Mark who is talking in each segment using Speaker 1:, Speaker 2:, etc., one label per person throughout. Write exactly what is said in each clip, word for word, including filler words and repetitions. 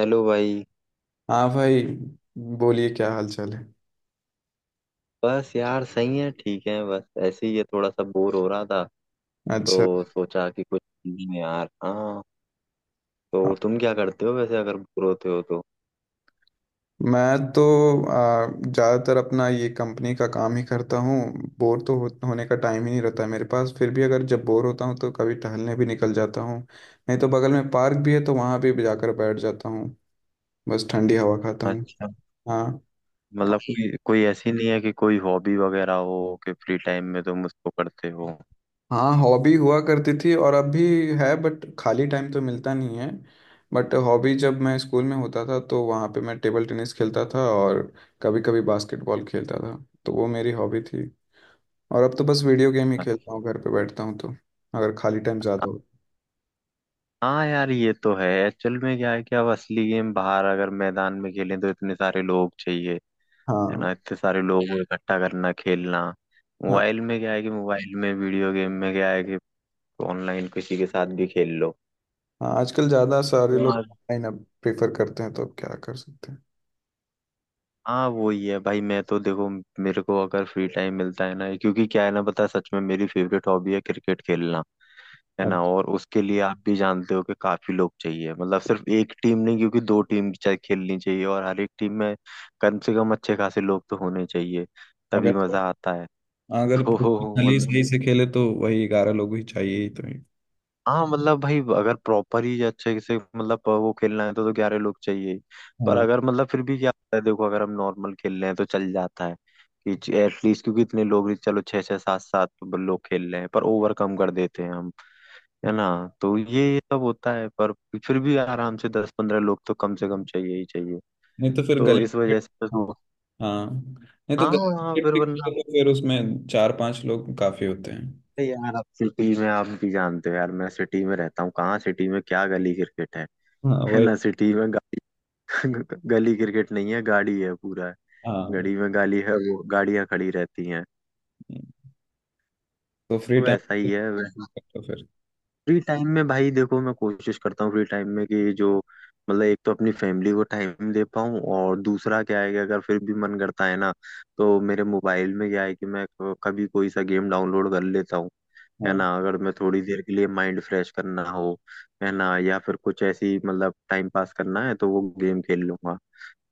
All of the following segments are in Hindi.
Speaker 1: चलो भाई।
Speaker 2: हाँ भाई। बोलिए, क्या हाल चाल है।
Speaker 1: बस यार सही है, ठीक है। बस ऐसे ही है, थोड़ा सा बोर हो रहा था
Speaker 2: अच्छा।
Speaker 1: तो सोचा कि कुछ नहीं है यार। हाँ, तो तुम क्या करते हो वैसे, अगर बोर होते हो तो?
Speaker 2: मैं तो आ, ज़्यादातर अपना ये कंपनी का काम ही करता हूँ। बोर तो हो, होने का टाइम ही नहीं रहता है मेरे पास। फिर भी अगर जब बोर होता हूँ तो कभी टहलने भी निकल जाता हूँ। नहीं तो बगल में पार्क भी है तो वहाँ भी जाकर बैठ जाता हूँ। बस ठंडी हवा खाता हूँ।
Speaker 1: अच्छा।
Speaker 2: हाँ।
Speaker 1: मतलब कोई कोई ऐसी नहीं है कि कोई हॉबी वगैरह हो कि फ्री टाइम में तुम उसको करते हो?
Speaker 2: हाँ हॉबी हुआ करती थी और अब भी है, बट खाली टाइम तो मिलता नहीं है। बट हॉबी, जब मैं स्कूल में होता था तो वहाँ पे मैं टेबल टेनिस खेलता था और कभी कभी बास्केटबॉल खेलता था। तो वो मेरी हॉबी थी। और अब तो बस वीडियो गेम ही खेलता हूँ घर पे। बैठता हूँ तो अगर खाली टाइम ज़्यादा हो।
Speaker 1: हाँ यार, ये तो है। एक्चुअल में क्या है कि अब असली गेम बाहर अगर मैदान में खेलें तो इतने सारे लोग चाहिए, है
Speaker 2: हाँ।
Speaker 1: ना। इतने सारे लोगों को इकट्ठा करना, खेलना।
Speaker 2: हाँ।
Speaker 1: मोबाइल में क्या है कि मोबाइल में वीडियो गेम में क्या है कि तो ऑनलाइन किसी के साथ भी खेल लो।
Speaker 2: हाँ आजकल ज़्यादा सारे लोग
Speaker 1: यार,
Speaker 2: ऑनलाइन अब प्रेफर करते हैं, तो अब क्या कर सकते हैं।
Speaker 1: हाँ वही है भाई। मैं तो देखो, मेरे को अगर फ्री टाइम मिलता है ना, क्योंकि क्या है ना, पता है, सच में मेरी फेवरेट हॉबी है क्रिकेट खेलना। है ना,
Speaker 2: अच्छा,
Speaker 1: और उसके लिए आप भी जानते हो कि काफी लोग चाहिए। मतलब सिर्फ एक टीम नहीं, क्योंकि दो टीम चाहे खेलनी चाहिए, और हर एक टीम में कम से कम अच्छे खासे लोग तो होने चाहिए।
Speaker 2: अगर
Speaker 1: तभी मजा आता है।
Speaker 2: अगर
Speaker 1: तो
Speaker 2: प्रोफेशनली
Speaker 1: मतलब
Speaker 2: सही से खेले तो वही ग्यारह लोग ही चाहिए ही, तो ही।
Speaker 1: हाँ, मतलब भाई, अगर प्रॉपर ही अच्छे से मतलब वो खेलना है तो तो ग्यारह लोग चाहिए ही। पर
Speaker 2: हाँ।
Speaker 1: अगर मतलब फिर भी क्या होता है, देखो, अगर हम नॉर्मल खेल रहे हैं तो चल जाता है कि एटलीस्ट, क्योंकि इतने लोग भी, चलो छः छः सात सात लोग खेल रहे हैं पर ओवर कम कर देते हैं हम, है ना। तो ये सब होता है। पर फिर भी आराम से दस पंद्रह लोग तो कम से कम चाहिए ही चाहिए।
Speaker 2: नहीं तो फिर
Speaker 1: तो
Speaker 2: गली
Speaker 1: इस
Speaker 2: क्रिकेट।
Speaker 1: वजह से तो
Speaker 2: हाँ। नहीं तो
Speaker 1: हाँ हाँ,
Speaker 2: गर्ल्स
Speaker 1: फिर
Speaker 2: पिक
Speaker 1: वरना
Speaker 2: तो फिर उसमें चार पांच लोग काफी होते हैं।
Speaker 1: अरे यार, आप सिटी में, आप भी जानते हो यार, मैं सिटी में रहता हूँ, कहाँ सिटी में क्या गली क्रिकेट है?
Speaker 2: हाँ
Speaker 1: है
Speaker 2: वही।
Speaker 1: ना, सिटी में ग- गली क्रिकेट नहीं है, गाड़ी है पूरा है।
Speaker 2: हाँ
Speaker 1: गली में गाली है, वो गाड़ियां खड़ी रहती हैं।
Speaker 2: तो फ्री
Speaker 1: तो
Speaker 2: टाइम,
Speaker 1: ऐसा ही है।
Speaker 2: तो फिर।
Speaker 1: फ्री टाइम में भाई, देखो मैं कोशिश करता हूँ फ्री टाइम में कि जो मतलब एक तो अपनी फैमिली को टाइम दे पाऊँ, और दूसरा क्या है कि अगर फिर भी मन करता है ना तो मेरे मोबाइल में क्या है कि मैं क- कभी कोई सा गेम डाउनलोड कर लेता हूँ, है
Speaker 2: हाँ
Speaker 1: ना। अगर मैं थोड़ी देर के लिए माइंड फ्रेश करना हो, है ना, या फिर कुछ ऐसी मतलब टाइम पास करना है तो वो गेम खेल लूंगा।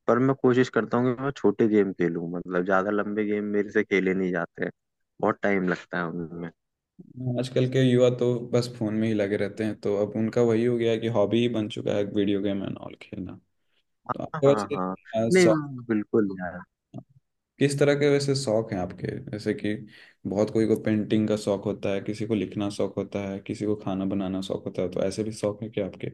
Speaker 1: पर मैं कोशिश करता हूँ कि मैं छोटे गेम खेलूँ, मतलब ज्यादा लंबे गेम मेरे से खेले नहीं जाते हैं, बहुत टाइम लगता है उनमें।
Speaker 2: आजकल के युवा तो बस फोन में ही लगे रहते हैं, तो अब उनका वही हो गया है कि हॉबी ही बन चुका है वीडियो गेम एंड ऑल खेलना। तो
Speaker 1: हाँ
Speaker 2: आपको
Speaker 1: हाँ
Speaker 2: वैसे
Speaker 1: हाँ,
Speaker 2: अ,
Speaker 1: नहीं
Speaker 2: शौक
Speaker 1: बिल्कुल यार।
Speaker 2: किस तरह के, वैसे शौक हैं आपके? जैसे कि बहुत कोई को पेंटिंग का शौक होता है, किसी को लिखना शौक होता है, किसी को खाना बनाना शौक होता है। तो ऐसे भी शौक है क्या आपके?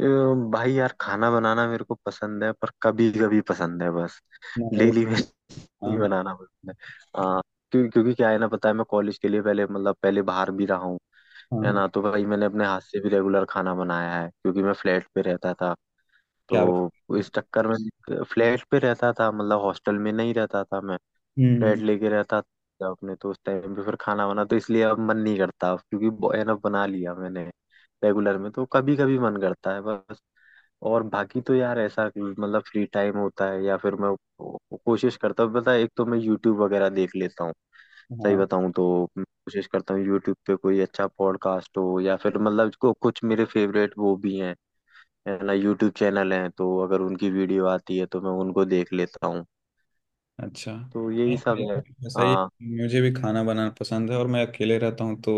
Speaker 1: अ, भाई यार, खाना बनाना मेरे को पसंद है, पर कभी कभी पसंद है बस।
Speaker 2: हाँ।
Speaker 1: डेली में नहीं
Speaker 2: हाँ।
Speaker 1: बनाना पसंद है। हाँ। क्यों, क्योंकि क्या है ना, पता है, मैं कॉलेज के लिए पहले मतलब पहले बाहर भी रहा हूँ,
Speaker 2: हाँ।
Speaker 1: है
Speaker 2: हाँ,
Speaker 1: ना। तो भाई मैंने अपने हाथ से भी रेगुलर खाना बनाया है, क्योंकि मैं फ्लैट पे रहता था।
Speaker 2: क्या बात।
Speaker 1: तो इस चक्कर में फ्लैट पे रहता था, मतलब हॉस्टल में नहीं रहता था मैं,
Speaker 2: हम्म
Speaker 1: फ्लैट
Speaker 2: हम्म।
Speaker 1: लेके रहता था अपने। तो उस टाइम पे फिर खाना वाना तो इसलिए अब मन नहीं करता अब, क्योंकि एनफ बना लिया मैंने। रेगुलर में तो कभी कभी मन करता है बस। और बाकी तो यार ऐसा कि मतलब फ्री टाइम होता है या फिर मैं को- कोशिश करता हूँ, पता है, एक तो मैं यूट्यूब वगैरह देख लेता हूँ, सही
Speaker 2: हाँ।
Speaker 1: बताऊँ तो। कोशिश करता हूँ यूट्यूब पे कोई अच्छा पॉडकास्ट हो या फिर मतलब को कुछ मेरे फेवरेट वो भी हैं, है ना, यूट्यूब चैनल हैं, तो अगर उनकी वीडियो आती है तो मैं उनको देख लेता हूँ।
Speaker 2: अच्छा
Speaker 1: तो
Speaker 2: हाँ,
Speaker 1: यही सब
Speaker 2: मेरे
Speaker 1: है।
Speaker 2: को भी ऐसा ही
Speaker 1: हाँ
Speaker 2: है। मुझे भी खाना बनाना पसंद है और मैं अकेले रहता हूँ तो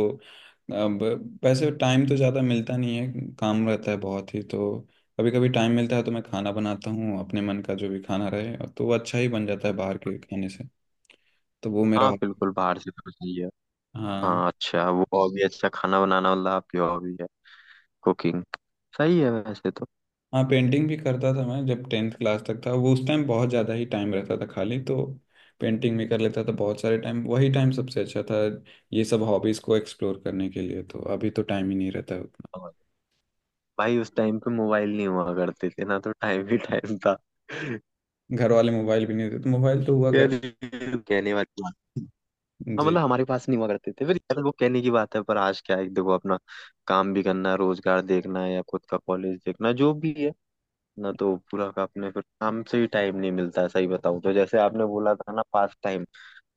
Speaker 2: अब, वैसे टाइम तो ज़्यादा मिलता नहीं है, काम रहता है बहुत ही, तो कभी कभी टाइम मिलता है तो मैं खाना बनाता हूँ अपने मन का जो भी खाना रहे। और तो वो अच्छा ही बन जाता है बाहर के खाने से। तो वो मेरा
Speaker 1: हाँ,
Speaker 2: हॉबी।
Speaker 1: बिल्कुल, बाहर से तो सही है।
Speaker 2: हाँ।
Speaker 1: हाँ अच्छा, वो हॉबी, अच्छा खाना बनाना मतलब आपकी हॉबी है, कुकिंग। सही है वैसे तो।
Speaker 2: हाँ पेंटिंग भी करता था मैं, जब टेंथ क्लास तक था वो उस टाइम बहुत ज़्यादा ही टाइम रहता था खाली, तो पेंटिंग भी कर लेता था बहुत सारे टाइम। वही टाइम सबसे अच्छा था ये सब हॉबीज़ को एक्सप्लोर करने के लिए। तो अभी तो टाइम ही नहीं रहता है उतना।
Speaker 1: और भाई, उस टाइम पे मोबाइल नहीं हुआ करते थे ना, तो टाइम ही टाइम था।
Speaker 2: घर वाले मोबाइल भी नहीं देते तो मोबाइल तो हुआ कर।
Speaker 1: कहने कहने वाली बात, हाँ
Speaker 2: जी।
Speaker 1: मतलब हमारे पास नहीं हुआ करते थे फिर यार, वो कहने की बात है। पर आज क्या है कि देखो, अपना काम भी करना है, रोजगार देखना है या खुद का कॉलेज देखना, जो भी है ना, तो पूरा का अपने फिर काम से ही टाइम नहीं मिलता है, सही बताऊं तो। जैसे आपने बोला था ना पास टाइम,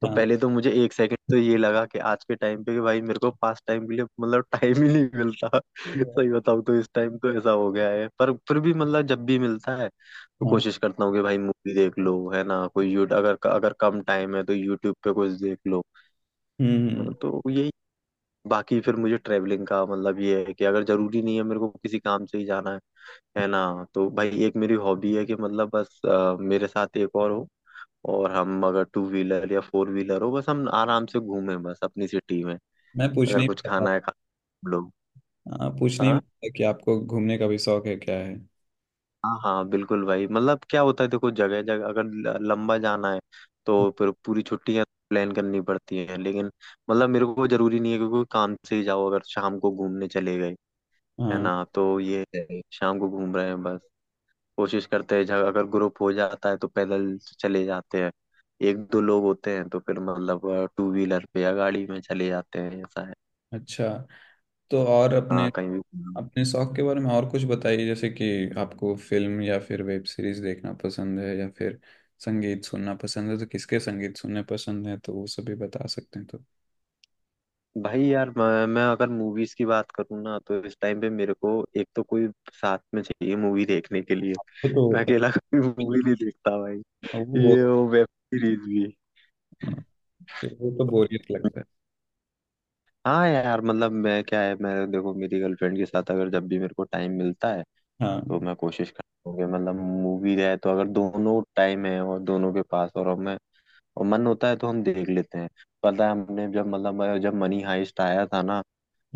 Speaker 1: तो
Speaker 2: हाँ।
Speaker 1: पहले तो मुझे एक सेकंड तो ये लगा कि आज के टाइम पे कि भाई मेरे को पास टाइम के लिए मतलब टाइम ही नहीं मिलता। सही बताऊं तो इस टाइम तो ऐसा हो गया है, पर फिर भी मतलब जब भी मिलता है तो
Speaker 2: हाँ।
Speaker 1: कोशिश करता हूँ कि भाई मूवी देख लो, है ना, कोई यूट, अगर अगर कम टाइम है तो यूट्यूब पे कुछ देख लो।
Speaker 2: हम्म हम्म।
Speaker 1: तो यही। बाकी फिर मुझे ट्रेवलिंग का, मतलब ये है कि अगर जरूरी नहीं है मेरे को किसी काम से ही जाना है है ना, तो भाई एक मेरी हॉबी है कि मतलब बस अ, मेरे साथ एक और हो, और हम अगर टू व्हीलर या फोर व्हीलर हो, बस हम आराम से घूमें बस अपनी सिटी में।
Speaker 2: मैं
Speaker 1: अगर
Speaker 2: पूछने ही
Speaker 1: कुछ
Speaker 2: वाला
Speaker 1: खाना है, खा हम लोग।
Speaker 2: था। हाँ, पूछने ही
Speaker 1: हाँ
Speaker 2: वाला था कि आपको घूमने का भी शौक है क्या है।
Speaker 1: हाँ, हाँ बिल्कुल भाई, मतलब क्या होता है, देखो, जगह जगह अगर ल- लंबा जाना है तो फिर पूरी छुट्टियां प्लान करनी पड़ती हैं, लेकिन मतलब मेरे को जरूरी नहीं है, क्योंकि काम से ही जाओ, अगर शाम को घूमने चले गए, है
Speaker 2: हाँ।
Speaker 1: ना, तो ये है, शाम को घूम रहे हैं बस। कोशिश करते हैं जहाँ- अगर ग्रुप हो जाता है तो पैदल चले जाते हैं, एक दो लोग होते हैं तो फिर मतलब टू व्हीलर पे या गाड़ी में चले जाते हैं, ऐसा है।
Speaker 2: अच्छा। तो और अपने,
Speaker 1: हाँ, कहीं भी।
Speaker 2: अपने शौक के बारे में और कुछ बताइए। जैसे कि आपको फिल्म या फिर वेब सीरीज देखना पसंद है या फिर संगीत सुनना पसंद है? तो किसके संगीत सुनने पसंद है तो वो सब भी बता सकते हैं तो।
Speaker 1: भाई यार, मैं, मैं अगर मूवीज की बात करूँ ना, तो इस टाइम पे मेरे को एक तो कोई साथ में चाहिए मूवी देखने के लिए।
Speaker 2: वो तो
Speaker 1: मैं
Speaker 2: होता
Speaker 1: अकेला कोई मूवी नहीं देखता भाई,
Speaker 2: है। वो
Speaker 1: ये
Speaker 2: बहुत।
Speaker 1: वो वेब सीरीज भी।
Speaker 2: हाँ, फिर वो तो बोरियत लगता है।
Speaker 1: हाँ यार, मतलब मैं क्या है, मैं देखो मेरी गर्लफ्रेंड के साथ अगर जब भी मेरे को टाइम मिलता है
Speaker 2: हाँ।
Speaker 1: तो मैं कोशिश करूँगी, मतलब मूवी है तो अगर दोनों टाइम है और दोनों के पास, और हमें और मन होता है, तो हम देख लेते हैं। पता है, हमने जब मतलब जब मनी हाइस्ट आया था ना,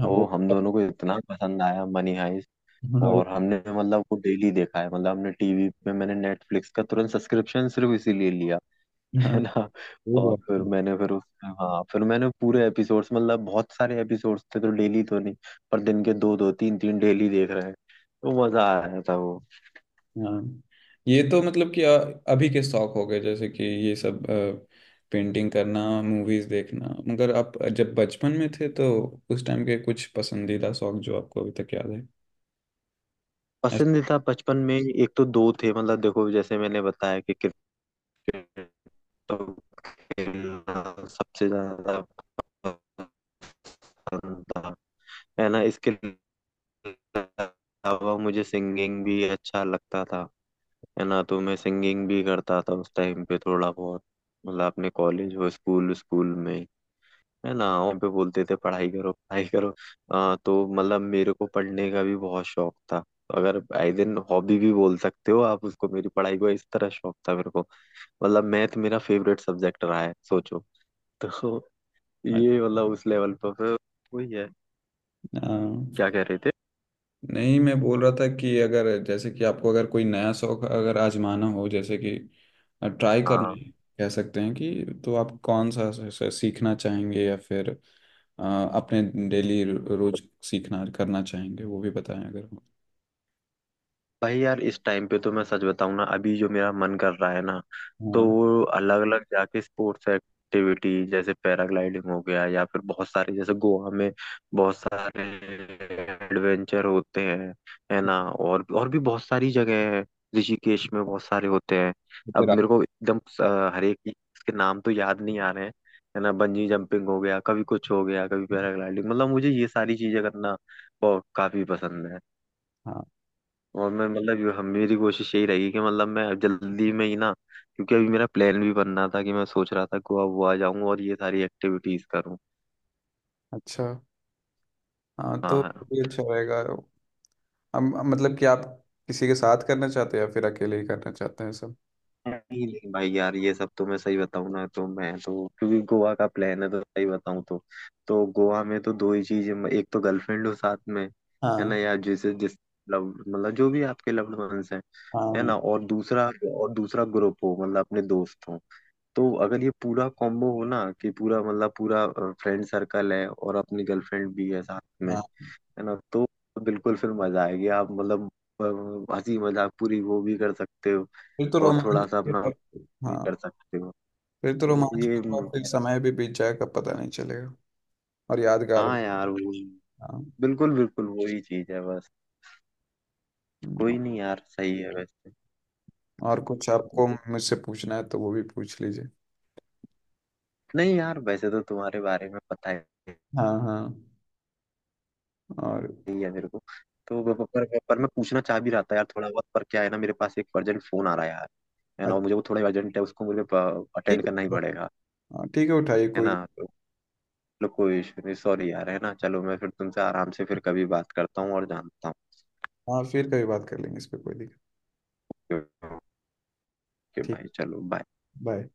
Speaker 2: हाँ
Speaker 1: वो
Speaker 2: वो
Speaker 1: हम
Speaker 2: तो।
Speaker 1: दोनों को इतना पसंद आया, मनी हाइस्ट।
Speaker 2: हाँ वो।
Speaker 1: और हमने मतलब वो डेली देखा है, मतलब हमने टीवी पे, मैंने नेटफ्लिक्स का तुरंत सब्सक्रिप्शन सिर्फ इसीलिए लिया।
Speaker 2: हाँ
Speaker 1: है ना,
Speaker 2: वो
Speaker 1: और फिर
Speaker 2: बहुत।
Speaker 1: मैंने फिर उस, हाँ फिर मैंने पूरे एपिसोड्स, मतलब बहुत सारे एपिसोड्स थे तो डेली तो नहीं, पर दिन के दो दो तीन तीन डेली देख रहे हैं। तो मजा आ रहा था वो।
Speaker 2: हाँ ये तो मतलब कि अ- अभी के शौक हो गए, जैसे कि ये सब पेंटिंग करना, मूवीज देखना। मगर आप जब बचपन में थे तो उस टाइम के कुछ पसंदीदा शौक जो आपको अभी तक याद है? ऐसा।
Speaker 1: पसंदीदा बचपन में एक, तो दो थे, मतलब देखो, जैसे मैंने बताया कि क्रिकेट, तो खेलना सबसे ज्यादा पसंद था। है ना, इसके अलावा मुझे सिंगिंग भी अच्छा लगता था, है ना, तो मैं सिंगिंग भी करता था उस टाइम पे थोड़ा बहुत। मतलब अपने कॉलेज और स्कूल स्कूल में, है ना, वहाँ पे बोलते थे पढ़ाई करो पढ़ाई करो। अ, तो मतलब मेरे को पढ़ने का भी बहुत शौक था, तो अगर आई दिन हॉबी भी बोल सकते हो आप उसको, मेरी पढ़ाई को इस तरह शौक था मेरे को। मतलब मैथ मेरा फेवरेट सब्जेक्ट रहा है, सोचो। तो ये मतलब उस लेवल पर फिर वही है।
Speaker 2: अ,
Speaker 1: क्या कह रहे थे?
Speaker 2: नहीं मैं बोल रहा था कि अगर, जैसे कि आपको अगर कोई नया शौक अगर आजमाना हो, जैसे कि ट्राई करने
Speaker 1: हाँ
Speaker 2: कह सकते हैं कि, तो आप कौन सा स- स- सीखना चाहेंगे? या फिर अ, अपने डेली, रोज सीखना करना चाहेंगे वो भी बताएं अगर हो।
Speaker 1: भाई यार, इस टाइम पे तो मैं सच बताऊं ना, अभी जो मेरा मन कर रहा है ना तो
Speaker 2: हाँ।
Speaker 1: वो अलग अलग जाके स्पोर्ट्स एक्टिविटी, जैसे पैराग्लाइडिंग हो गया, या फिर बहुत सारे, जैसे गोवा में बहुत सारे एडवेंचर होते हैं, है ना, और और भी बहुत सारी जगह है, ऋषिकेश में बहुत सारे होते हैं।
Speaker 2: तो फिर
Speaker 1: अब
Speaker 2: आप।
Speaker 1: मेरे को एकदम अ, हर एक के नाम तो याद नहीं आ रहे हैं, है ना, बंजी जंपिंग हो गया, कभी कुछ हो गया, कभी पैराग्लाइडिंग, मतलब मुझे ये सारी चीजें करना बहुत काफी पसंद है।
Speaker 2: हाँ।
Speaker 1: और मैं मतलब यो- हम, मेरी कोशिश यही रहेगी कि मतलब मैं जल्दी में ही ना, क्योंकि अभी मेरा प्लान भी बन रहा था कि मैं सोच रहा था गोवा वोवा जाऊं और ये सारी एक्टिविटीज करूं।
Speaker 2: अच्छा। हाँ
Speaker 1: हाँ
Speaker 2: तो
Speaker 1: हाँ,
Speaker 2: भी अच्छा रहेगा। हम मतलब कि आप किसी के साथ करना चाहते हैं या फिर अकेले ही करना चाहते हैं सब?
Speaker 1: नहीं नहीं भाई यार, ये सब तो मैं सही बताऊं ना, तो मैं तो क्योंकि गोवा का प्लान है तो सही बताऊं तो तो गोवा में तो दो ही चीज, एक तो गर्लफ्रेंड हो साथ में, है ना
Speaker 2: हाँ।
Speaker 1: यार, जिसे जिस लव मतलब जो भी आपके लव्ड वंस हैं, है
Speaker 2: हाँ।
Speaker 1: ना, और दूसरा, और दूसरा ग्रुप हो, मतलब अपने दोस्त हो। तो अगर ये पूरा कॉम्बो हो ना, कि पूरा मतलब पूरा फ्रेंड सर्कल है और अपनी गर्लफ्रेंड भी है साथ में,
Speaker 2: हाँ
Speaker 1: है ना, तो बिल्कुल फिर मजा आएगी आप मतलब, अ, हंसी मजाक पूरी वो भी कर सकते हो
Speaker 2: फिर तो
Speaker 1: और थोड़ा
Speaker 2: रोमांच।
Speaker 1: सा अपना भी
Speaker 2: हाँ
Speaker 1: कर सकते हो।
Speaker 2: फिर तो
Speaker 1: तो
Speaker 2: रोमांच
Speaker 1: ये
Speaker 2: होगा, फिर
Speaker 1: मेरा,
Speaker 2: समय भी बीत जाएगा पता नहीं चलेगा। और यादगार भी।
Speaker 1: हाँ यार वो
Speaker 2: हाँ।
Speaker 1: बिल्कुल बिल्कुल वही चीज है बस।
Speaker 2: हम्म,
Speaker 1: कोई नहीं यार, सही है वैसे।
Speaker 2: और कुछ आपको मुझसे पूछना है तो वो भी पूछ लीजिए।
Speaker 1: नहीं यार, वैसे तो तुम्हारे बारे में पता है,
Speaker 2: हाँ हाँ। और।
Speaker 1: यही है मेरे को। तो प- पर, पर मैं पूछना चाह भी रहा था यार थोड़ा बहुत, पर क्या है ना, मेरे पास एक अर्जेंट फोन आ रहा है यार, है ना, और
Speaker 2: अच्छा,
Speaker 1: मुझे वो थोड़ा अर्जेंट है, उसको मुझे
Speaker 2: ठीक
Speaker 1: अटेंड करना ही
Speaker 2: है।
Speaker 1: पड़ेगा।
Speaker 2: हाँ, ठीक है उठाइए,
Speaker 1: है
Speaker 2: कोई
Speaker 1: ना
Speaker 2: दिक्कत।
Speaker 1: तो लो, कोई इशू नहीं, सॉरी यार, है ना, चलो मैं फिर तुमसे आराम से फिर कभी बात करता हूँ और जानता हूँ।
Speaker 2: हाँ फिर कभी बात कर लेंगे, इस पे कोई दिक्कत।
Speaker 1: ओके
Speaker 2: ठीक।
Speaker 1: भाई, चलो, बाय।
Speaker 2: बाय।